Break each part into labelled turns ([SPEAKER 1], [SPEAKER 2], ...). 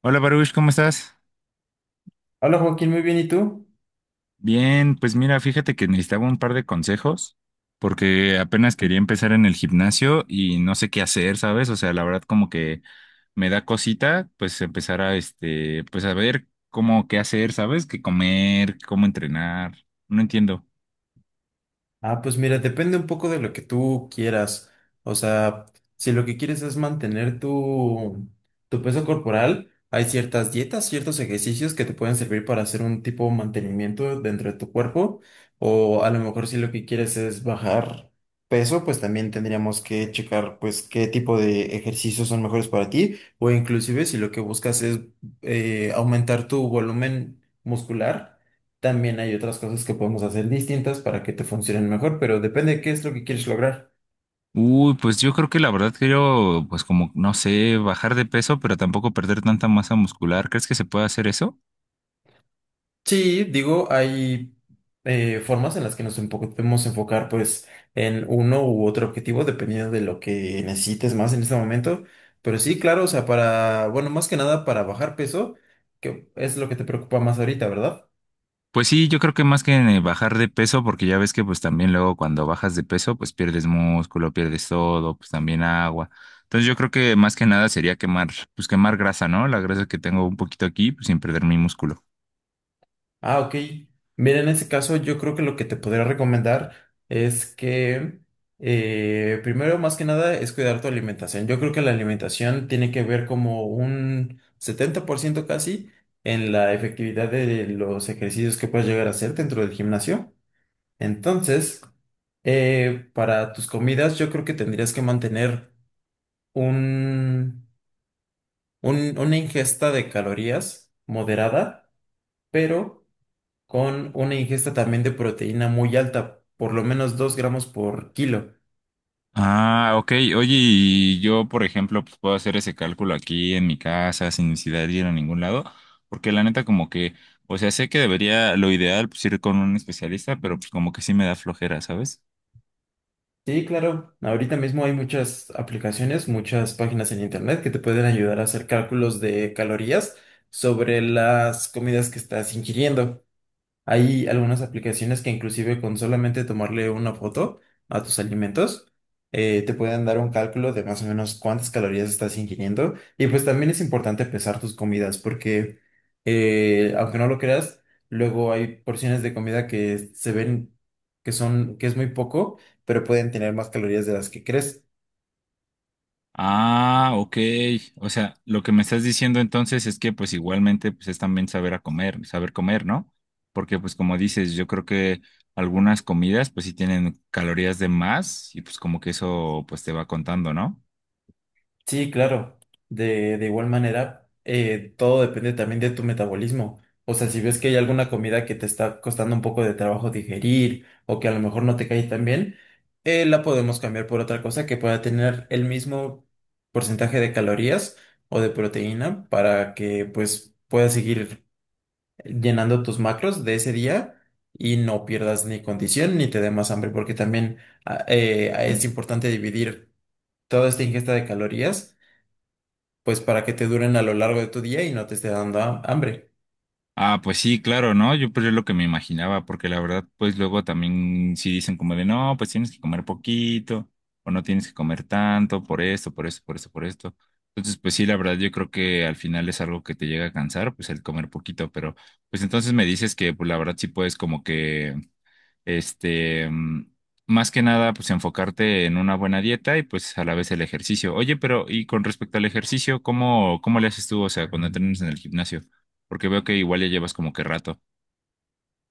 [SPEAKER 1] Hola Baruch, ¿cómo estás?
[SPEAKER 2] Hola Joaquín, muy bien, ¿y tú?
[SPEAKER 1] Bien, pues mira, fíjate que necesitaba un par de consejos porque apenas quería empezar en el gimnasio y no sé qué hacer, ¿sabes? O sea, la verdad como que me da cosita pues empezar a este, pues a ver cómo qué hacer, ¿sabes? Qué comer, cómo entrenar. No entiendo.
[SPEAKER 2] Ah, pues mira, depende un poco de lo que tú quieras. O sea, si lo que quieres es mantener tu peso corporal, hay ciertas dietas, ciertos ejercicios que te pueden servir para hacer un tipo de mantenimiento dentro de tu cuerpo. O a lo mejor si lo que quieres es bajar peso, pues también tendríamos que checar pues qué tipo de ejercicios son mejores para ti. O inclusive si lo que buscas es aumentar tu volumen muscular. También hay otras cosas que podemos hacer distintas para que te funcionen mejor, pero depende de qué es lo que quieres lograr.
[SPEAKER 1] Uy, pues yo creo que la verdad quiero pues como no sé, bajar de peso, pero tampoco perder tanta masa muscular. ¿Crees que se puede hacer eso?
[SPEAKER 2] Sí, digo, hay formas en las que podemos enfocar pues en uno u otro objetivo dependiendo de lo que necesites más en este momento. Pero sí, claro, o sea, para, bueno, más que nada para bajar peso, que es lo que te preocupa más ahorita, ¿verdad?
[SPEAKER 1] Pues sí, yo creo que más que en el bajar de peso, porque ya ves que pues también luego cuando bajas de peso, pues pierdes músculo, pierdes todo, pues también agua. Entonces yo creo que más que nada sería quemar, pues quemar grasa, ¿no? La grasa que tengo un poquito aquí, pues sin perder mi músculo.
[SPEAKER 2] Ah, ok. Mira, en ese caso yo creo que lo que te podría recomendar es que primero, más que nada, es cuidar tu alimentación. Yo creo que la alimentación tiene que ver como un 70% casi en la efectividad de los ejercicios que puedes llegar a hacer dentro del gimnasio. Entonces, para tus comidas, yo creo que tendrías que mantener un, una ingesta de calorías moderada, pero con una ingesta también de proteína muy alta, por lo menos 2 gramos por kilo.
[SPEAKER 1] Ah, ok. Oye, y yo, por ejemplo, pues puedo hacer ese cálculo aquí en mi casa sin necesidad de ir a ningún lado, porque la neta como que, o sea, sé que debería, lo ideal, pues ir con un especialista, pero pues como que sí me da flojera, ¿sabes?
[SPEAKER 2] Sí, claro, ahorita mismo hay muchas aplicaciones, muchas páginas en internet que te pueden ayudar a hacer cálculos de calorías sobre las comidas que estás ingiriendo. Hay algunas aplicaciones que inclusive con solamente tomarle una foto a tus alimentos, te pueden dar un cálculo de más o menos cuántas calorías estás ingiriendo. Y pues también es importante pesar tus comidas porque, aunque no lo creas, luego hay porciones de comida que se ven que es muy poco, pero pueden tener más calorías de las que crees.
[SPEAKER 1] Ah, ok. O sea, lo que me estás diciendo entonces es que pues igualmente pues es también saber a comer, saber comer, ¿no? Porque pues como dices, yo creo que algunas comidas pues sí tienen calorías de más y pues como que eso pues te va contando, ¿no?
[SPEAKER 2] Sí, claro. De igual manera, todo depende también de tu metabolismo. O sea, si ves que hay alguna comida que te está costando un poco de trabajo digerir o que a lo mejor no te cae tan bien, la podemos cambiar por otra cosa que pueda tener el mismo porcentaje de calorías o de proteína para que pues puedas seguir llenando tus macros de ese día y no pierdas ni condición ni te dé más hambre, porque también es importante dividir toda esta ingesta de calorías pues para que te duren a lo largo de tu día y no te esté dando hambre.
[SPEAKER 1] Ah, pues sí, claro, ¿no? Yo pues es lo que me imaginaba, porque la verdad, pues luego también sí dicen como de, no, pues tienes que comer poquito, o no tienes que comer tanto, por esto, por esto, por esto, por esto. Entonces, pues sí, la verdad, yo creo que al final es algo que te llega a cansar, pues el comer poquito, pero pues entonces me dices que, pues la verdad sí puedes como que este, más que nada, pues enfocarte en una buena dieta y pues a la vez el ejercicio. Oye, pero y con respecto al ejercicio, ¿cómo le haces tú? O sea, cuando entrenas en el gimnasio, porque veo que igual ya llevas como que rato.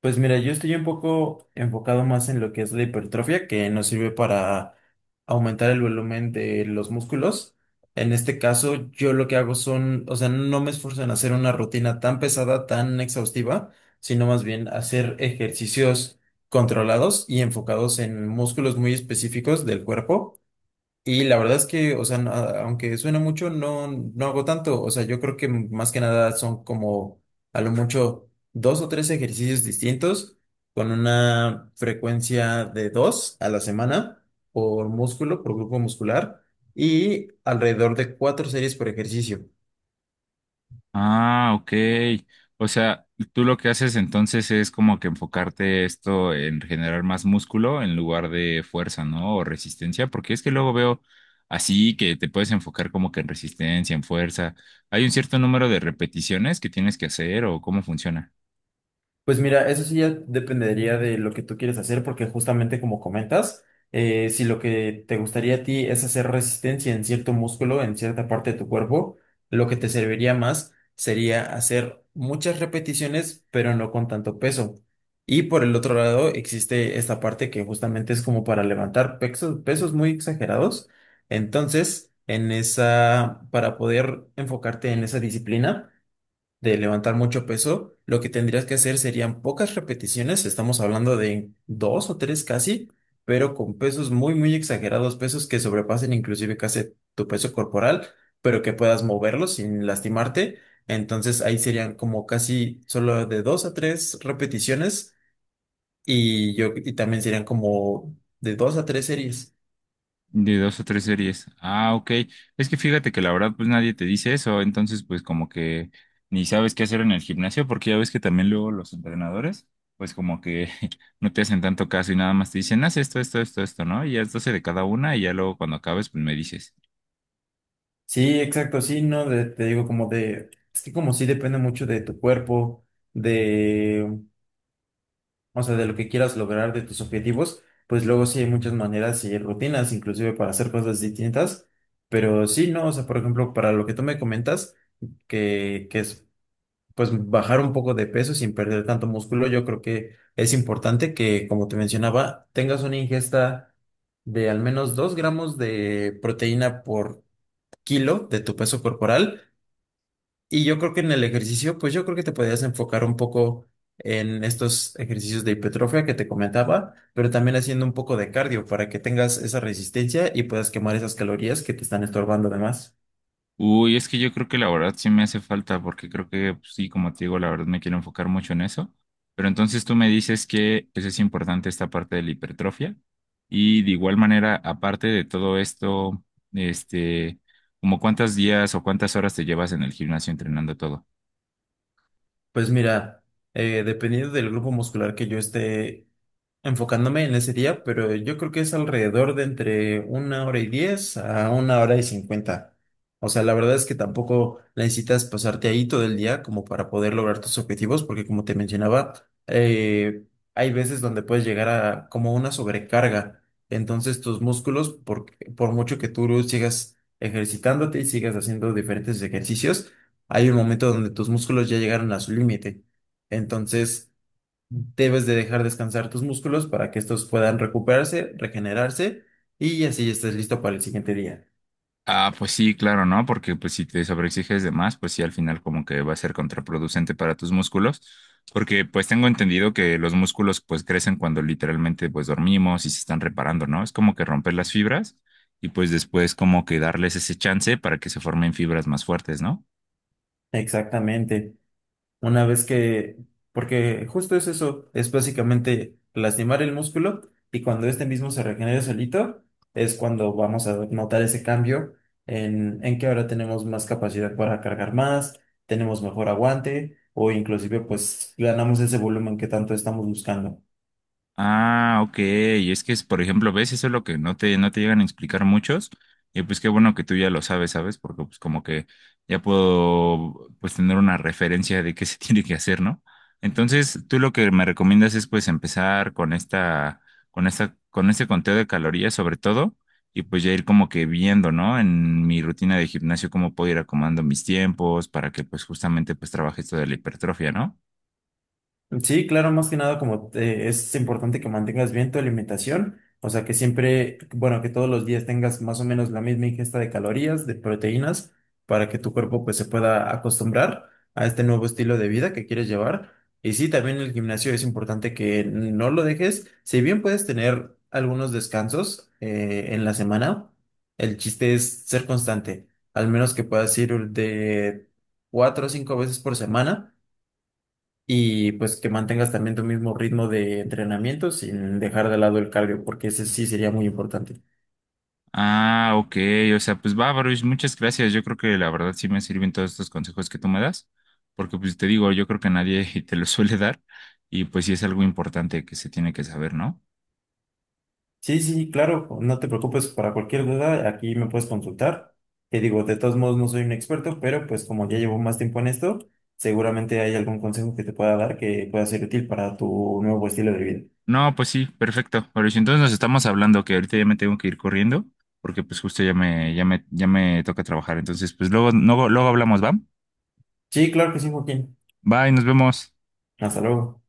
[SPEAKER 2] Pues mira, yo estoy un poco enfocado más en lo que es la hipertrofia, que nos sirve para aumentar el volumen de los músculos. En este caso, yo lo que hago son, o sea, no me esfuerzo en hacer una rutina tan pesada, tan exhaustiva, sino más bien hacer ejercicios controlados y enfocados en músculos muy específicos del cuerpo. Y la verdad es que, o sea, aunque suena mucho, no, no hago tanto. O sea, yo creo que más que nada son como a lo mucho dos o tres ejercicios distintos con una frecuencia de dos a la semana por músculo, por grupo muscular y alrededor de cuatro series por ejercicio.
[SPEAKER 1] Ah, ok. O sea, tú lo que haces entonces es como que enfocarte esto en generar más músculo en lugar de fuerza, ¿no? O resistencia, porque es que luego veo así que te puedes enfocar como que en resistencia, en fuerza. ¿Hay un cierto número de repeticiones que tienes que hacer o cómo funciona?
[SPEAKER 2] Pues mira, eso sí ya dependería de lo que tú quieres hacer, porque justamente como comentas, si lo que te gustaría a ti es hacer resistencia en cierto músculo, en cierta parte de tu cuerpo, lo que te serviría más sería hacer muchas repeticiones, pero no con tanto peso. Y por el otro lado, existe esta parte que justamente es como para levantar pesos, pesos muy exagerados. Entonces, en esa, para poder enfocarte en esa disciplina, de levantar mucho peso, lo que tendrías que hacer serían pocas repeticiones, estamos hablando de dos o tres casi, pero con pesos muy, muy exagerados, pesos que sobrepasen inclusive casi tu peso corporal, pero que puedas moverlos sin lastimarte. Entonces ahí serían como casi solo de dos a tres repeticiones y yo y también serían como de dos a tres series.
[SPEAKER 1] De dos o tres series. Ah, ok. Es que fíjate que la verdad, pues nadie te dice eso, entonces pues como que ni sabes qué hacer en el gimnasio, porque ya ves que también luego los entrenadores, pues como que no te hacen tanto caso y nada más te dicen, haz esto, esto, esto, esto, ¿no? Y haz 12 de cada una y ya luego cuando acabes, pues me dices.
[SPEAKER 2] Sí, exacto, sí, no, te digo como de, es que como sí depende mucho de tu cuerpo, de o sea, de lo que quieras lograr, de tus objetivos, pues luego sí hay muchas maneras y rutinas, inclusive para hacer cosas distintas, pero sí, no, o sea, por ejemplo, para lo que tú me comentas, que es, pues, bajar un poco de peso sin perder tanto músculo, yo creo que es importante que, como te mencionaba, tengas una ingesta de al menos 2 gramos de proteína por kilo de tu peso corporal y yo creo que en el ejercicio, pues yo creo que te podías enfocar un poco en estos ejercicios de hipertrofia que te comentaba, pero también haciendo un poco de cardio para que tengas esa resistencia y puedas quemar esas calorías que te están estorbando además.
[SPEAKER 1] Uy, es que yo creo que la verdad sí me hace falta, porque creo que pues, sí, como te digo, la verdad me quiero enfocar mucho en eso. Pero entonces tú me dices que pues, es importante esta parte de la hipertrofia. Y de igual manera, aparte de todo esto, este, como cuántos días o cuántas horas te llevas en el gimnasio entrenando todo.
[SPEAKER 2] Pues mira, dependiendo del grupo muscular que yo esté enfocándome en ese día, pero yo creo que es alrededor de entre 1 hora y 10 a 1 hora y 50. O sea, la verdad es que tampoco necesitas pasarte ahí todo el día como para poder lograr tus objetivos, porque como te mencionaba, eh, hay veces donde puedes llegar a como una sobrecarga. Entonces tus músculos, por mucho que tú sigas ejercitándote y sigas haciendo diferentes ejercicios, hay un momento donde tus músculos ya llegaron a su límite. Entonces, debes de dejar descansar tus músculos para que estos puedan recuperarse, regenerarse y así estés listo para el siguiente día.
[SPEAKER 1] Ah, pues sí, claro, ¿no? Porque pues si te sobreexiges de más, pues sí, al final como que va a ser contraproducente para tus músculos, porque pues tengo entendido que los músculos pues crecen cuando literalmente pues dormimos y se están reparando, ¿no? Es como que romper las fibras y pues después como que darles ese chance para que se formen fibras más fuertes, ¿no?
[SPEAKER 2] Exactamente. Una vez que, porque justo es eso, es básicamente lastimar el músculo y cuando este mismo se regenere solito, es cuando vamos a notar ese cambio en que ahora tenemos más capacidad para cargar más, tenemos mejor aguante o inclusive pues ganamos ese volumen que tanto estamos buscando.
[SPEAKER 1] Ah, ok. Y es que es, por ejemplo, ves, eso es lo que no te llegan a explicar muchos. Y pues qué bueno que tú ya lo sabes, ¿sabes? Porque pues como que ya puedo pues tener una referencia de qué se tiene que hacer, ¿no? Entonces, tú lo que me recomiendas es pues empezar con esta, con este conteo de calorías sobre todo, y pues ya ir como que viendo, ¿no? En mi rutina de gimnasio, cómo puedo ir acomodando mis tiempos para que pues justamente pues trabaje esto de la hipertrofia, ¿no?
[SPEAKER 2] Sí, claro, más que nada como es importante que mantengas bien tu alimentación, o sea que siempre, bueno, que todos los días tengas más o menos la misma ingesta de calorías, de proteínas, para que tu cuerpo pues se pueda acostumbrar a este nuevo estilo de vida que quieres llevar. Y sí, también el gimnasio es importante que no lo dejes, si bien puedes tener algunos descansos en la semana, el chiste es ser constante, al menos que puedas ir de cuatro o cinco veces por semana y pues que mantengas también tu mismo ritmo de entrenamiento sin dejar de lado el cardio, porque ese sí sería muy importante.
[SPEAKER 1] Ah, ok, o sea, pues va, Baruch, muchas gracias. Yo creo que la verdad sí me sirven todos estos consejos que tú me das, porque pues te digo, yo creo que nadie te los suele dar y pues sí es algo importante que se tiene que saber, ¿no?
[SPEAKER 2] Sí, sí, claro, no te preocupes para cualquier duda, aquí me puedes consultar. Te digo, de todos modos no soy un experto, pero pues como ya llevo más tiempo en esto, seguramente hay algún consejo que te pueda dar que pueda ser útil para tu nuevo estilo de vida.
[SPEAKER 1] No, pues sí, perfecto, Baruch. Entonces nos estamos hablando que ahorita ya me tengo que ir corriendo, porque pues justo ya me toca trabajar. Entonces, pues luego, luego, luego hablamos, ¿va?
[SPEAKER 2] Sí, claro que sí, Joaquín.
[SPEAKER 1] Bye, nos vemos.
[SPEAKER 2] Hasta luego.